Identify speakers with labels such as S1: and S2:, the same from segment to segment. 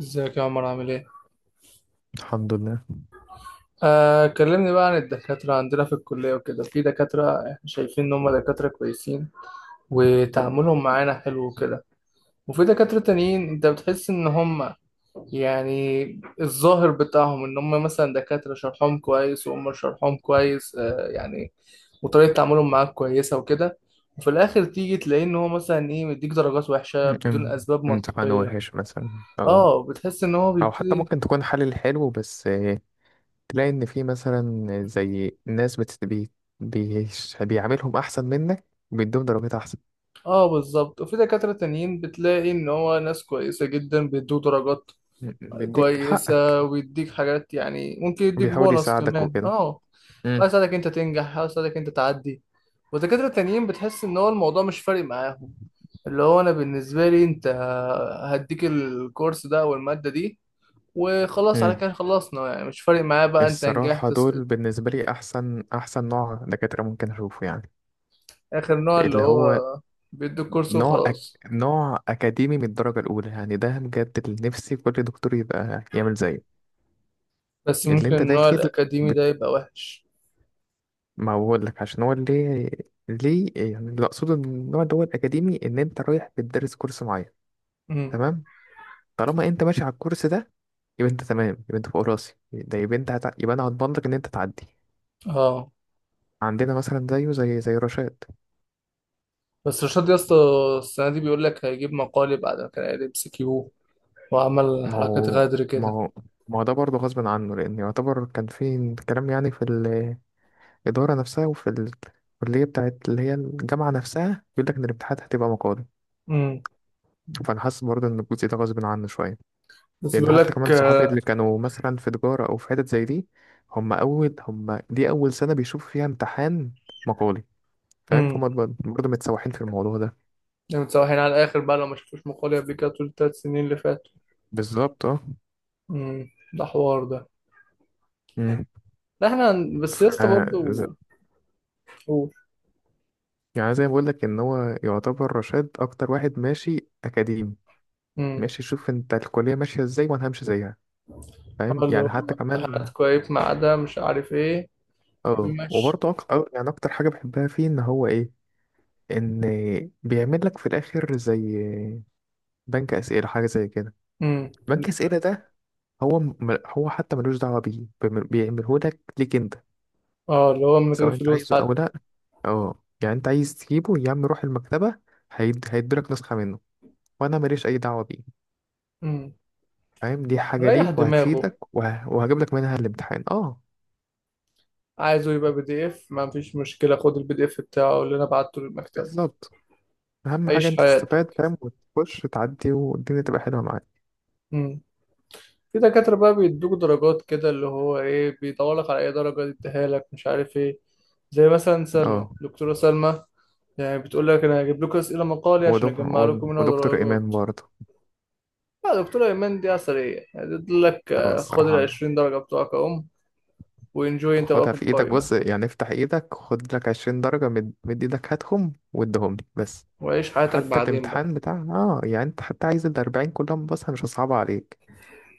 S1: ازيك يا عمر؟ عامل ايه؟
S2: الحمد لله.
S1: آه، كلمني بقى عن الدكاترة عندنا في الكلية وكده. في دكاترة احنا شايفين ان هم دكاترة كويسين وتعاملهم معانا حلو وكده، وفي دكاترة تانيين انت بتحس ان هم يعني الظاهر بتاعهم ان هم مثلا دكاترة شرحهم كويس، وهم شرحهم كويس وطريقة تعاملهم معاك كويسة وكده، وفي الاخر تيجي تلاقيه ان هو مثلا ايه، مديك درجات وحشة بدون
S2: ام-
S1: اسباب
S2: امتحان
S1: منطقية.
S2: وحش مثلا. اه،
S1: اه، بتحس ان هو
S2: او حتى
S1: بيبتدي.
S2: ممكن تكون حل حلو بس تلاقي ان في مثلا زي ناس بيعاملهم احسن منك وبيدوهم درجات احسن.
S1: اه بالظبط، وفي دكاترة تانيين بتلاقي ان هو ناس كويسة جدا، بيدوه درجات
S2: بيديك حقك.
S1: كويسة ويديك حاجات، يعني ممكن يديك
S2: بيحاول
S1: بونص
S2: يساعدك
S1: كمان.
S2: وكده.
S1: اه، حاجة
S2: امم
S1: يساعدك انت تنجح، حاجة يساعدك انت تعدي. ودكاترة تانيين بتحس ان هو الموضوع مش فارق معاهم، اللي هو انا بالنسبة لي انت هديك الكورس ده او المادة دي وخلاص، على
S2: امم.
S1: كده خلصنا، يعني مش فارق معايا بقى انت
S2: الصراحة
S1: نجحت سقطت.
S2: دول بالنسبة لي احسن احسن نوع دكاترة ممكن اشوفه يعني.
S1: اخر نوع اللي
S2: اللي
S1: هو
S2: هو
S1: بيدوك كورس
S2: نوع أك...
S1: وخلاص.
S2: نوع أكاديمي من الدرجة الأولى، يعني ده بجد اللي نفسي كل دكتور يبقى يعمل زيه.
S1: بس
S2: اللي
S1: ممكن
S2: أنت
S1: النوع
S2: داخل،
S1: الاكاديمي
S2: بت...
S1: ده يبقى وحش.
S2: ما بقول لك عشان هو اللي ليه، يعني اللي أقصده من النوع اللي هو الأكاديمي إن أنت رايح بتدرس كورس معين،
S1: مم.
S2: تمام؟ طالما أنت ماشي على الكورس ده يبقى أنت تمام، يبقى أنت فوق راسي، ده يبقى يبقى أنا هضمن لك إن أنت تعدي.
S1: اه،
S2: عندنا مثلا زيه، زي رشاد.
S1: بس رشاد يا اسطى السنة دي بيقول لك هيجيب مقالي بعد ما كان قاعد ام كيو وعمل
S2: ما
S1: حركات
S2: هو
S1: غدر
S2: ما
S1: كده.
S2: هو ما هو ده برضه غصب عنه، لأن يعتبر كان في كلام يعني في الإدارة نفسها وفي الكلية بتاعت اللي هي الجامعة نفسها بيقول لك إن الامتحانات هتبقى مقالي.
S1: امم.
S2: فأنا حاسس برضه إن الجزء ده غصب عنه شوية،
S1: بس
S2: لأن
S1: بيقول
S2: حتى
S1: لك
S2: كمان صحابي
S1: آه.
S2: اللي كانوا مثلا في تجارة أو في حتت زي دي، هم أول هم دي أول سنة بيشوفوا فيها امتحان مقالي. فاهم؟ فهم
S1: امم.
S2: برضه متسوحين في الموضوع ده.
S1: يعني متسوحين على الآخر بقى لو ما شافوش مقالي قبل كده طول الثلاث سنين اللي فاتوا.
S2: بالظبط اه.
S1: امم. ده حوار ده.
S2: مم.
S1: لا احنا
S2: ف
S1: بس يا اسطى
S2: ز-
S1: برضه. قول.
S2: يعني زي ما بقول لك إن هو يعتبر رشاد أكتر واحد ماشي أكاديمي.
S1: امم.
S2: ماشي، شوف أنت الكلية ماشية إزاي وأنا همشي زيها.
S1: اه
S2: فاهم
S1: اللي
S2: يعني؟
S1: هو
S2: حتى
S1: امتحانات
S2: كمان
S1: كويس، ما عدا مش عارف ايه.
S2: اه.
S1: بيمشي.
S2: وبرضه أك... أه، يعني اكتر حاجه بحبها فيه ان هو ايه، ان بيعمل لك في الاخر زي بنك اسئله، حاجه زي كده.
S1: امم.
S2: بنك اسئله ده هو حتى ملوش دعوه بيه، بيعمله لك، ليك انت
S1: اه، اللي هو من غير
S2: سواء انت
S1: فلوس
S2: عايزه او
S1: حتى.
S2: لا. اه يعني انت عايز تجيبه، يا عم روح المكتبه هيديلك نسخه منه وانا ماليش اي دعوه بيه.
S1: امم.
S2: فاهم؟ دي حاجه
S1: ريح
S2: ليك
S1: دماغه،
S2: وهتفيدك وهجيب لك منها الامتحان اه.
S1: عايزه يبقى بي دي اف، ما فيش مشكلة، خد البي دي اف بتاعه اللي انا بعته للمكتبة.
S2: بالظبط. اهم حاجه
S1: عيش
S2: انت
S1: حياتك.
S2: تستفاد. فاهم؟ وتخش تعدي والدنيا تبقى حلوه معاك.
S1: امم. في دكاترة بقى بيدوك درجات كده، اللي هو ايه، بيدور لك على اي درجة يديها لك، مش عارف ايه. زي مثلا سلمى،
S2: اه.
S1: دكتورة سلمى، يعني بتقول لك انا هجيب لكم اسئلة مقالي عشان
S2: ودك...
S1: اجمع لكم منها
S2: ودكتور إيمان
S1: درجات.
S2: برضه.
S1: لا دكتورة ايمان دي عسلية، يعني تقول لك
S2: هو
S1: آه، خد ال
S2: الصراحة
S1: 20 درجة بتوعك اهم، وانجوي انت بقى
S2: خدها
S1: في
S2: في إيدك،
S1: الفاينل.
S2: بص يعني افتح إيدك خد لك 20 درجة، مد إيدك هاتهم واديهم لي بس.
S1: وعيش حياتك
S2: حتى
S1: بعدين بقى،
S2: الامتحان بتاع يعني أنت حتى عايز الـ40 كلهم، بص أنا مش هصعبها عليك،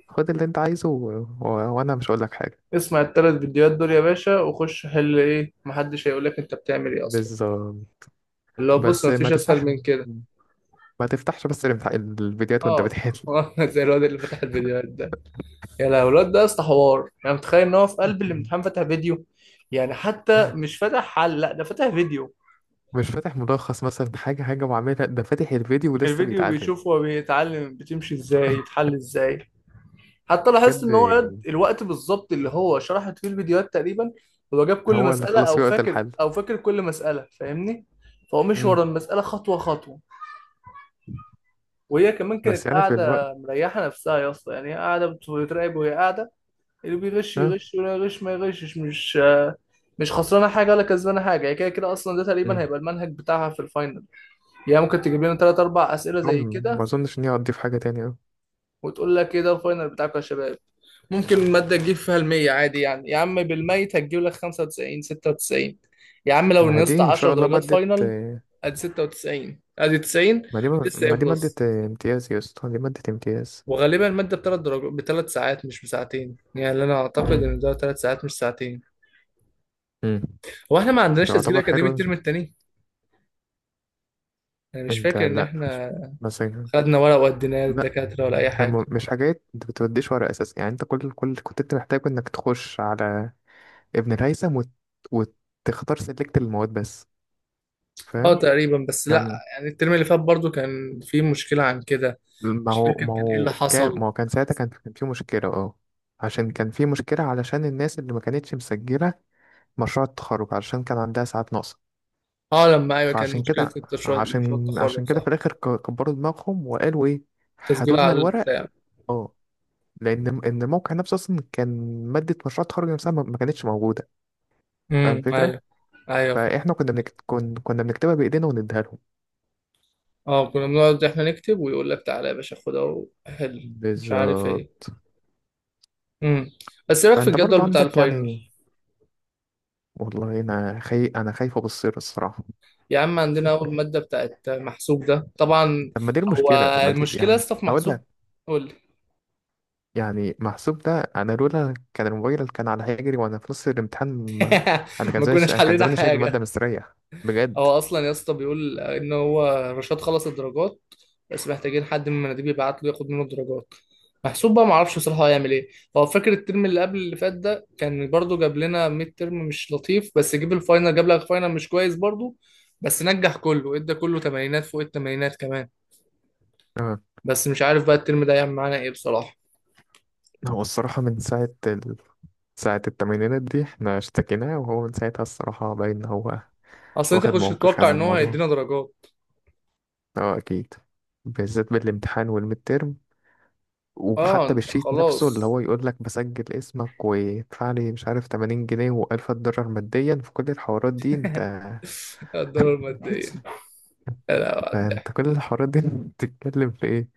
S2: خد اللي أنت عايزه و... وأنا مش هقول لك حاجة.
S1: اسمع التلات فيديوهات دول يا باشا وخش حل ايه، محدش هيقول لك انت بتعمل ايه اصلا.
S2: بالظبط.
S1: اللي هو بص،
S2: بس
S1: مفيش اسهل من كده.
S2: ما تفتحش بس الامتحان الفيديوهات وأنت
S1: اه.
S2: بتحل.
S1: زي الواد اللي فتح الفيديوهات ده. يا لهوي الواد ده يا اسطى حوار! يعني متخيل ان هو في قلب الامتحان فتح فيديو؟ يعني حتى مش فاتح حل، لا ده فاتح فيديو،
S2: مش فاتح ملخص مثلا، حاجة حاجة وعاملها، ده فاتح الفيديو ولسه
S1: الفيديو
S2: بيتعلم.
S1: بيشوف هو بيتعلم بتمشي ازاي يتحل ازاي. حتى لاحظت
S2: بجد؟
S1: ان هو الوقت بالظبط اللي هو شرحت فيه الفيديوهات تقريبا هو جاب كل
S2: هو اللي
S1: مسألة.
S2: خلص
S1: او
S2: في وقت
S1: فاكر
S2: الحل.
S1: او فاكر كل مسألة، فاهمني؟ فهو مش ورا المسألة خطوة خطوة. وهي كمان كانت
S2: بس يعني في
S1: قاعدة
S2: الوقت.
S1: مريحة نفسها يا اسطى، يعني هي قاعدة بتراقب، وهي قاعدة اللي بيغش
S2: اه.
S1: يغش ولا يغش ما يغشش، مش خسرانه حاجه ولا كسبانه حاجه، هي كده كده. اصلا ده تقريبا
S2: مم.
S1: هيبقى المنهج بتاعها في الفاينل، يعني ممكن تجيب لنا ثلاث اربع اسئله زي
S2: أم- ما
S1: كده،
S2: اظنش ان هي هتضيف حاجه تانية أوي.
S1: وتقول لك ايه ده الفاينل بتاعكم يا شباب؟ ممكن الماده تجيب فيها المية عادي، يعني يا عم بالميت هتجيب لك 95 96. يا عم لو
S2: ما هي
S1: نقصت
S2: دي ان
S1: 10
S2: شاء الله
S1: درجات
S2: ماده
S1: فاينل، ادي 96، ادي 90،
S2: ما دي
S1: لسه ايه
S2: ماده
S1: بلس.
S2: امتياز يا اسطى، دي ماده امتياز.
S1: وغالبا الماده بثلاث درجات، بثلاث ساعات مش بساعتين، يعني انا اعتقد
S2: مم.
S1: ان ده ثلاث ساعات مش ساعتين.
S2: مم.
S1: هو احنا ما عندناش تسجيل
S2: يعتبر
S1: اكاديمي
S2: حلو.
S1: الترم التاني؟ انا مش
S2: انت
S1: فاكر ان
S2: لا.
S1: احنا
S2: مثلا
S1: خدنا ورق وديناه
S2: لا،
S1: للدكاتره ولا اي
S2: احنا
S1: حاجه.
S2: مش حاجات انت بتوديش ورق اساسا، يعني انت كل كنت انت محتاج انك تخش على ابن الهيثم وتختار سلكت المواد بس.
S1: اه
S2: فاهم
S1: تقريبا، بس لا،
S2: يعني.
S1: يعني الترم اللي فات برضو كان في مشكله عن كده،
S2: ما
S1: مش
S2: هو
S1: فاكر
S2: ما
S1: كان ايه اللي
S2: هو كان
S1: حصل.
S2: ما هو كان ساعتها كان في مشكلة اه. عشان كان في مشكلة علشان الناس اللي ما كانتش مسجلة مشروع التخرج علشان كان عندها ساعات ناقصة.
S1: اه لما، ايوه، كان
S2: فعشان
S1: مشكله
S2: كده
S1: التشريع، مشروع
S2: عشان
S1: التخرج،
S2: عشان كده
S1: صح؟
S2: في الآخر كبروا دماغهم وقالوا إيه، هاتوا
S1: تسجيل
S2: لنا
S1: على
S2: الورق.
S1: البتاع.
S2: اه لأن إن الموقع نفسه أصلا كان مادة مشروع التخرج نفسها ما كانتش موجودة. فاهم
S1: امم،
S2: الفكرة؟
S1: ايوه. ايوه فاهم.
S2: فإحنا كنا بنكتبها بإيدينا ونديها لهم.
S1: اه كنا بنقعد احنا نكتب، ويقول لك تعالى يا باشا خدها وحل، مش عارف ايه.
S2: بالظبط.
S1: امم. بس ايه رايك في
S2: فأنت برضو
S1: الجدول بتاع
S2: عندك
S1: الفاينل؟
S2: يعني. والله أنا أنا خايف أبصر الصراحة.
S1: يا عم عندنا اول ماده بتاعت محسوب ده طبعا.
S2: طب ما دي
S1: هو
S2: المشكلة، ما دي
S1: المشكله يا
S2: يعني.
S1: اسطى في
S2: هقول
S1: محسوب.
S2: لك.
S1: قول.
S2: يعني محسوب ده أنا لولا كان الموبايل كان على هيجري وأنا في نص الامتحان أنا كان
S1: ما
S2: زمان،
S1: كناش
S2: أنا كان
S1: حلينا
S2: زماني شايل المادة
S1: حاجة.
S2: مستريح. بجد.
S1: هو أصلا يا اسطى بيقول إن هو رشاد خلص الدرجات، بس محتاجين حد من المناديب يبعت له ياخد منه الدرجات. محسوب بقى معرفش بصراحة هو هيعمل إيه. هو فاكر الترم اللي قبل اللي فات ده كان برضه جاب لنا ميد ترم مش لطيف، بس جيب الفاينل جاب لك فاينل مش كويس برضه، بس نجح كله، ادى كله تمانينات، فوق التمانينات كمان.
S2: آه،
S1: بس مش عارف بقى الترم ده هيعمل معانا إيه بصراحة.
S2: هو الصراحة من ساعة ساعة التمرينات دي احنا اشتكيناه، وهو من ساعتها الصراحة باين إن هو
S1: أصل أنت
S2: واخد
S1: كنتش
S2: موقف
S1: تتوقع
S2: يعني
S1: إن هو
S2: الموضوع.
S1: هيدينا درجات.
S2: اه أكيد. بالذات بالامتحان والميد تيرم،
S1: أه
S2: وحتى
S1: أنت
S2: بالشيت نفسه اللي
S1: خلاص.
S2: هو يقول لك بسجل اسمك ويدفع لي، مش عارف 80 جنيه و1000 دولار، ماديا في كل الحوارات دي انت.
S1: الدورة المادية. لا لا، وقع
S2: فانت كل الحوارات دي بتتكلم في ايه.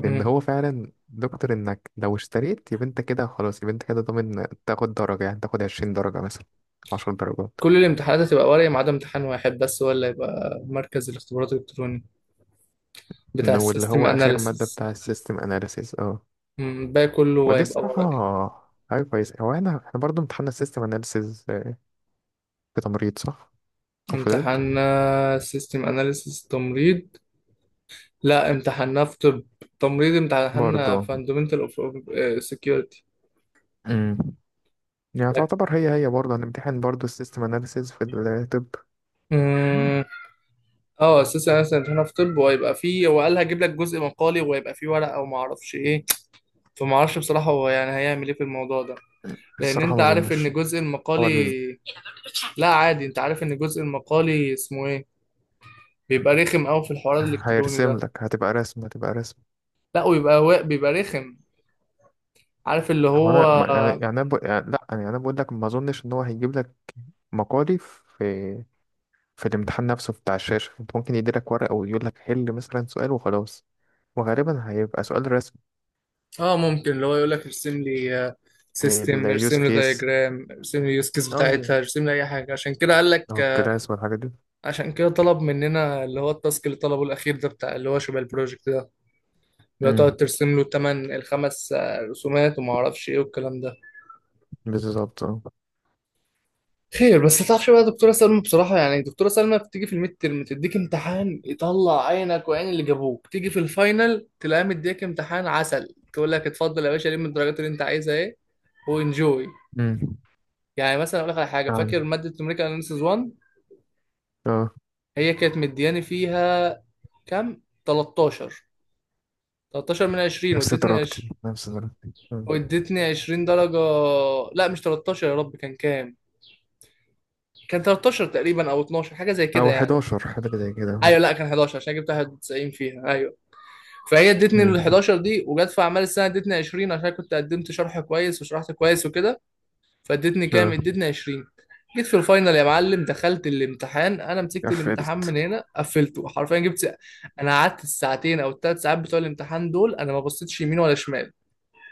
S2: لان هو فعلا دكتور انك لو اشتريت يبقى انت كده خلاص، يبقى انت كده ضامن تاخد درجة، يعني تاخد 20 درجة مثلا، 10 درجات.
S1: كل الامتحانات هتبقى ورقي ما عدا امتحان واحد بس، هو اللي هيبقى مركز الاختبارات الالكتروني، بتاع
S2: واللي
S1: السيستم
S2: هو اخر مادة
S1: اناليسيس.
S2: بتاع السيستم اناليسيز اه.
S1: الباقي كله
S2: ودي
S1: هيبقى ورقي.
S2: الصراحة حاجة كويسة. هو انا احنا برضه امتحنا السيستم اناليسيز في تمريض صح؟ او في طب؟
S1: امتحاننا سيستم اناليسيس تمريض. لا امتحاننا في طب. تمريض امتحاننا
S2: برضه.
S1: فاندمنتال اوف سكيورتي.
S2: امم. يعني
S1: لك.
S2: تعتبر هي برضه هنمتحن برضه السيستم اناليسيز في الطب.
S1: مم. اه اساسا انا امتحاننا في طب، وهيبقى فيه، هو قال هجيب لك جزء مقالي، وهيبقى فيه ورقه وما اعرفش ايه. فما اعرفش بصراحه هو يعني هيعمل ايه في الموضوع ده، لان
S2: الصراحة
S1: انت
S2: ما
S1: عارف
S2: اظنش.
S1: ان جزء المقالي.
S2: هو
S1: لا عادي، انت عارف ان الجزء المقالي اسمه ايه، بيبقى رخم قوي في الحوار الالكتروني
S2: هيرسم
S1: ده.
S2: لك، هتبقى رسم هتبقى رسم.
S1: لا ويبقى بيبقى رخم، عارف اللي
S2: هو
S1: هو.
S2: انا يعني انا بقول يعني لا، يعني انا بقول لك ما اظنش ان هو هيجيب لك مقالي في في الامتحان نفسه بتاع الشاشه. انت ممكن يديلك ورقه ويقول لك حل مثلا سؤال وخلاص، وغالبا هيبقى سؤال رسم.
S1: اه، ممكن اللي هو يقول لك ارسم لي سيستم،
S2: اليوز
S1: ارسم لي
S2: كيس
S1: دايجرام، ارسم لي يوز كيس
S2: اه.
S1: بتاعتها، ارسم لي اي حاجه. عشان كده قال لك
S2: اه
S1: آه.
S2: الكلاس والحاجات دي.
S1: عشان كده طلب مننا اللي هو التاسك اللي طلبه الاخير ده بتاع اللي هو شبه البروجكت ده، اللي هو
S2: امم.
S1: تقعد ترسم له تمن الخمس رسومات وما اعرفش ايه والكلام ده.
S2: بالظبط اه.
S1: خير. بس تعرفش بقى دكتورة سلمى بصراحة، يعني دكتورة سلمى بتيجي في الميد ترم تديك امتحان يطلع عينك وعين اللي جابوك، تيجي في الفاينل تلاقيها مديك امتحان عسل، تقول لك اتفضل يا باشا لم الدرجات اللي انت عايزها ايه، وانجوي.
S2: امم.
S1: يعني مثلا اقول لك على حاجة،
S2: يعني
S1: فاكر مادة نوميريكال اناليسيس 1؟
S2: اه
S1: هي كانت مدياني فيها كام، 13؟ 13 من 20،
S2: نفس
S1: وادتني
S2: درجتي
S1: 20.
S2: نفس درجتي أمم.
S1: وادتني 20 درجة. لا مش 13، يا رب كان كام، كان 13 تقريبا او 12 حاجة زي كده
S2: او
S1: يعني.
S2: 11 حاجه زي
S1: ايوه
S2: كده.
S1: لا كان 11 عشان جبت 91 فيها، ايوه. فهي ادتني ال
S2: امم.
S1: 11 دي، وجت في اعمال السنه ادتني 20، عشان كنت قدمت شرح كويس وشرحت كويس وكده. فادتني كام،
S2: اه
S1: ادتني 20. جيت في الفاينل يا معلم دخلت الامتحان، انا مسكت الامتحان
S2: قفلت.
S1: من هنا قفلته حرفيا، جبت انا قعدت الساعتين او الثلاث ساعات بتوع الامتحان دول انا ما بصيتش يمين ولا شمال،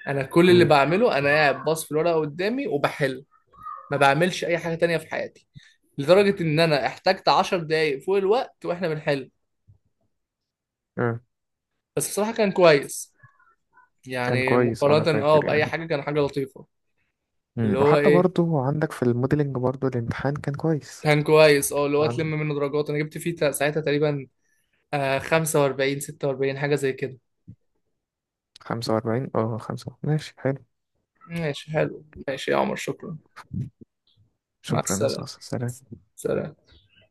S1: انا كل اللي
S2: امم.
S1: بعمله انا قاعد باص في الورقه قدامي وبحل، ما بعملش اي حاجه تانية في حياتي. لدرجه ان انا احتجت 10 دقايق فوق الوقت واحنا بنحل. بس بصراحه كان كويس،
S2: كان
S1: يعني
S2: كويس انا
S1: مقارنة اه
S2: فاكر
S1: بأي
S2: يعني.
S1: حاجة كان حاجة لطيفة.
S2: مم.
S1: اللي هو
S2: وحتى
S1: ايه،
S2: برضو عندك في الموديلنج برضو الامتحان كان كويس.
S1: كان كويس، اه اللي هو تلم
S2: نعم.
S1: منه درجات، انا جبت فيه ساعتها تقريبا آه 45 46 حاجة زي كده.
S2: 45 اه، خمسة ماشي حلو.
S1: ماشي حلو، ماشي يا عمر، شكرا. مع
S2: شكرا يا أستاذ.
S1: السلامة.
S2: سلام.
S1: سلام.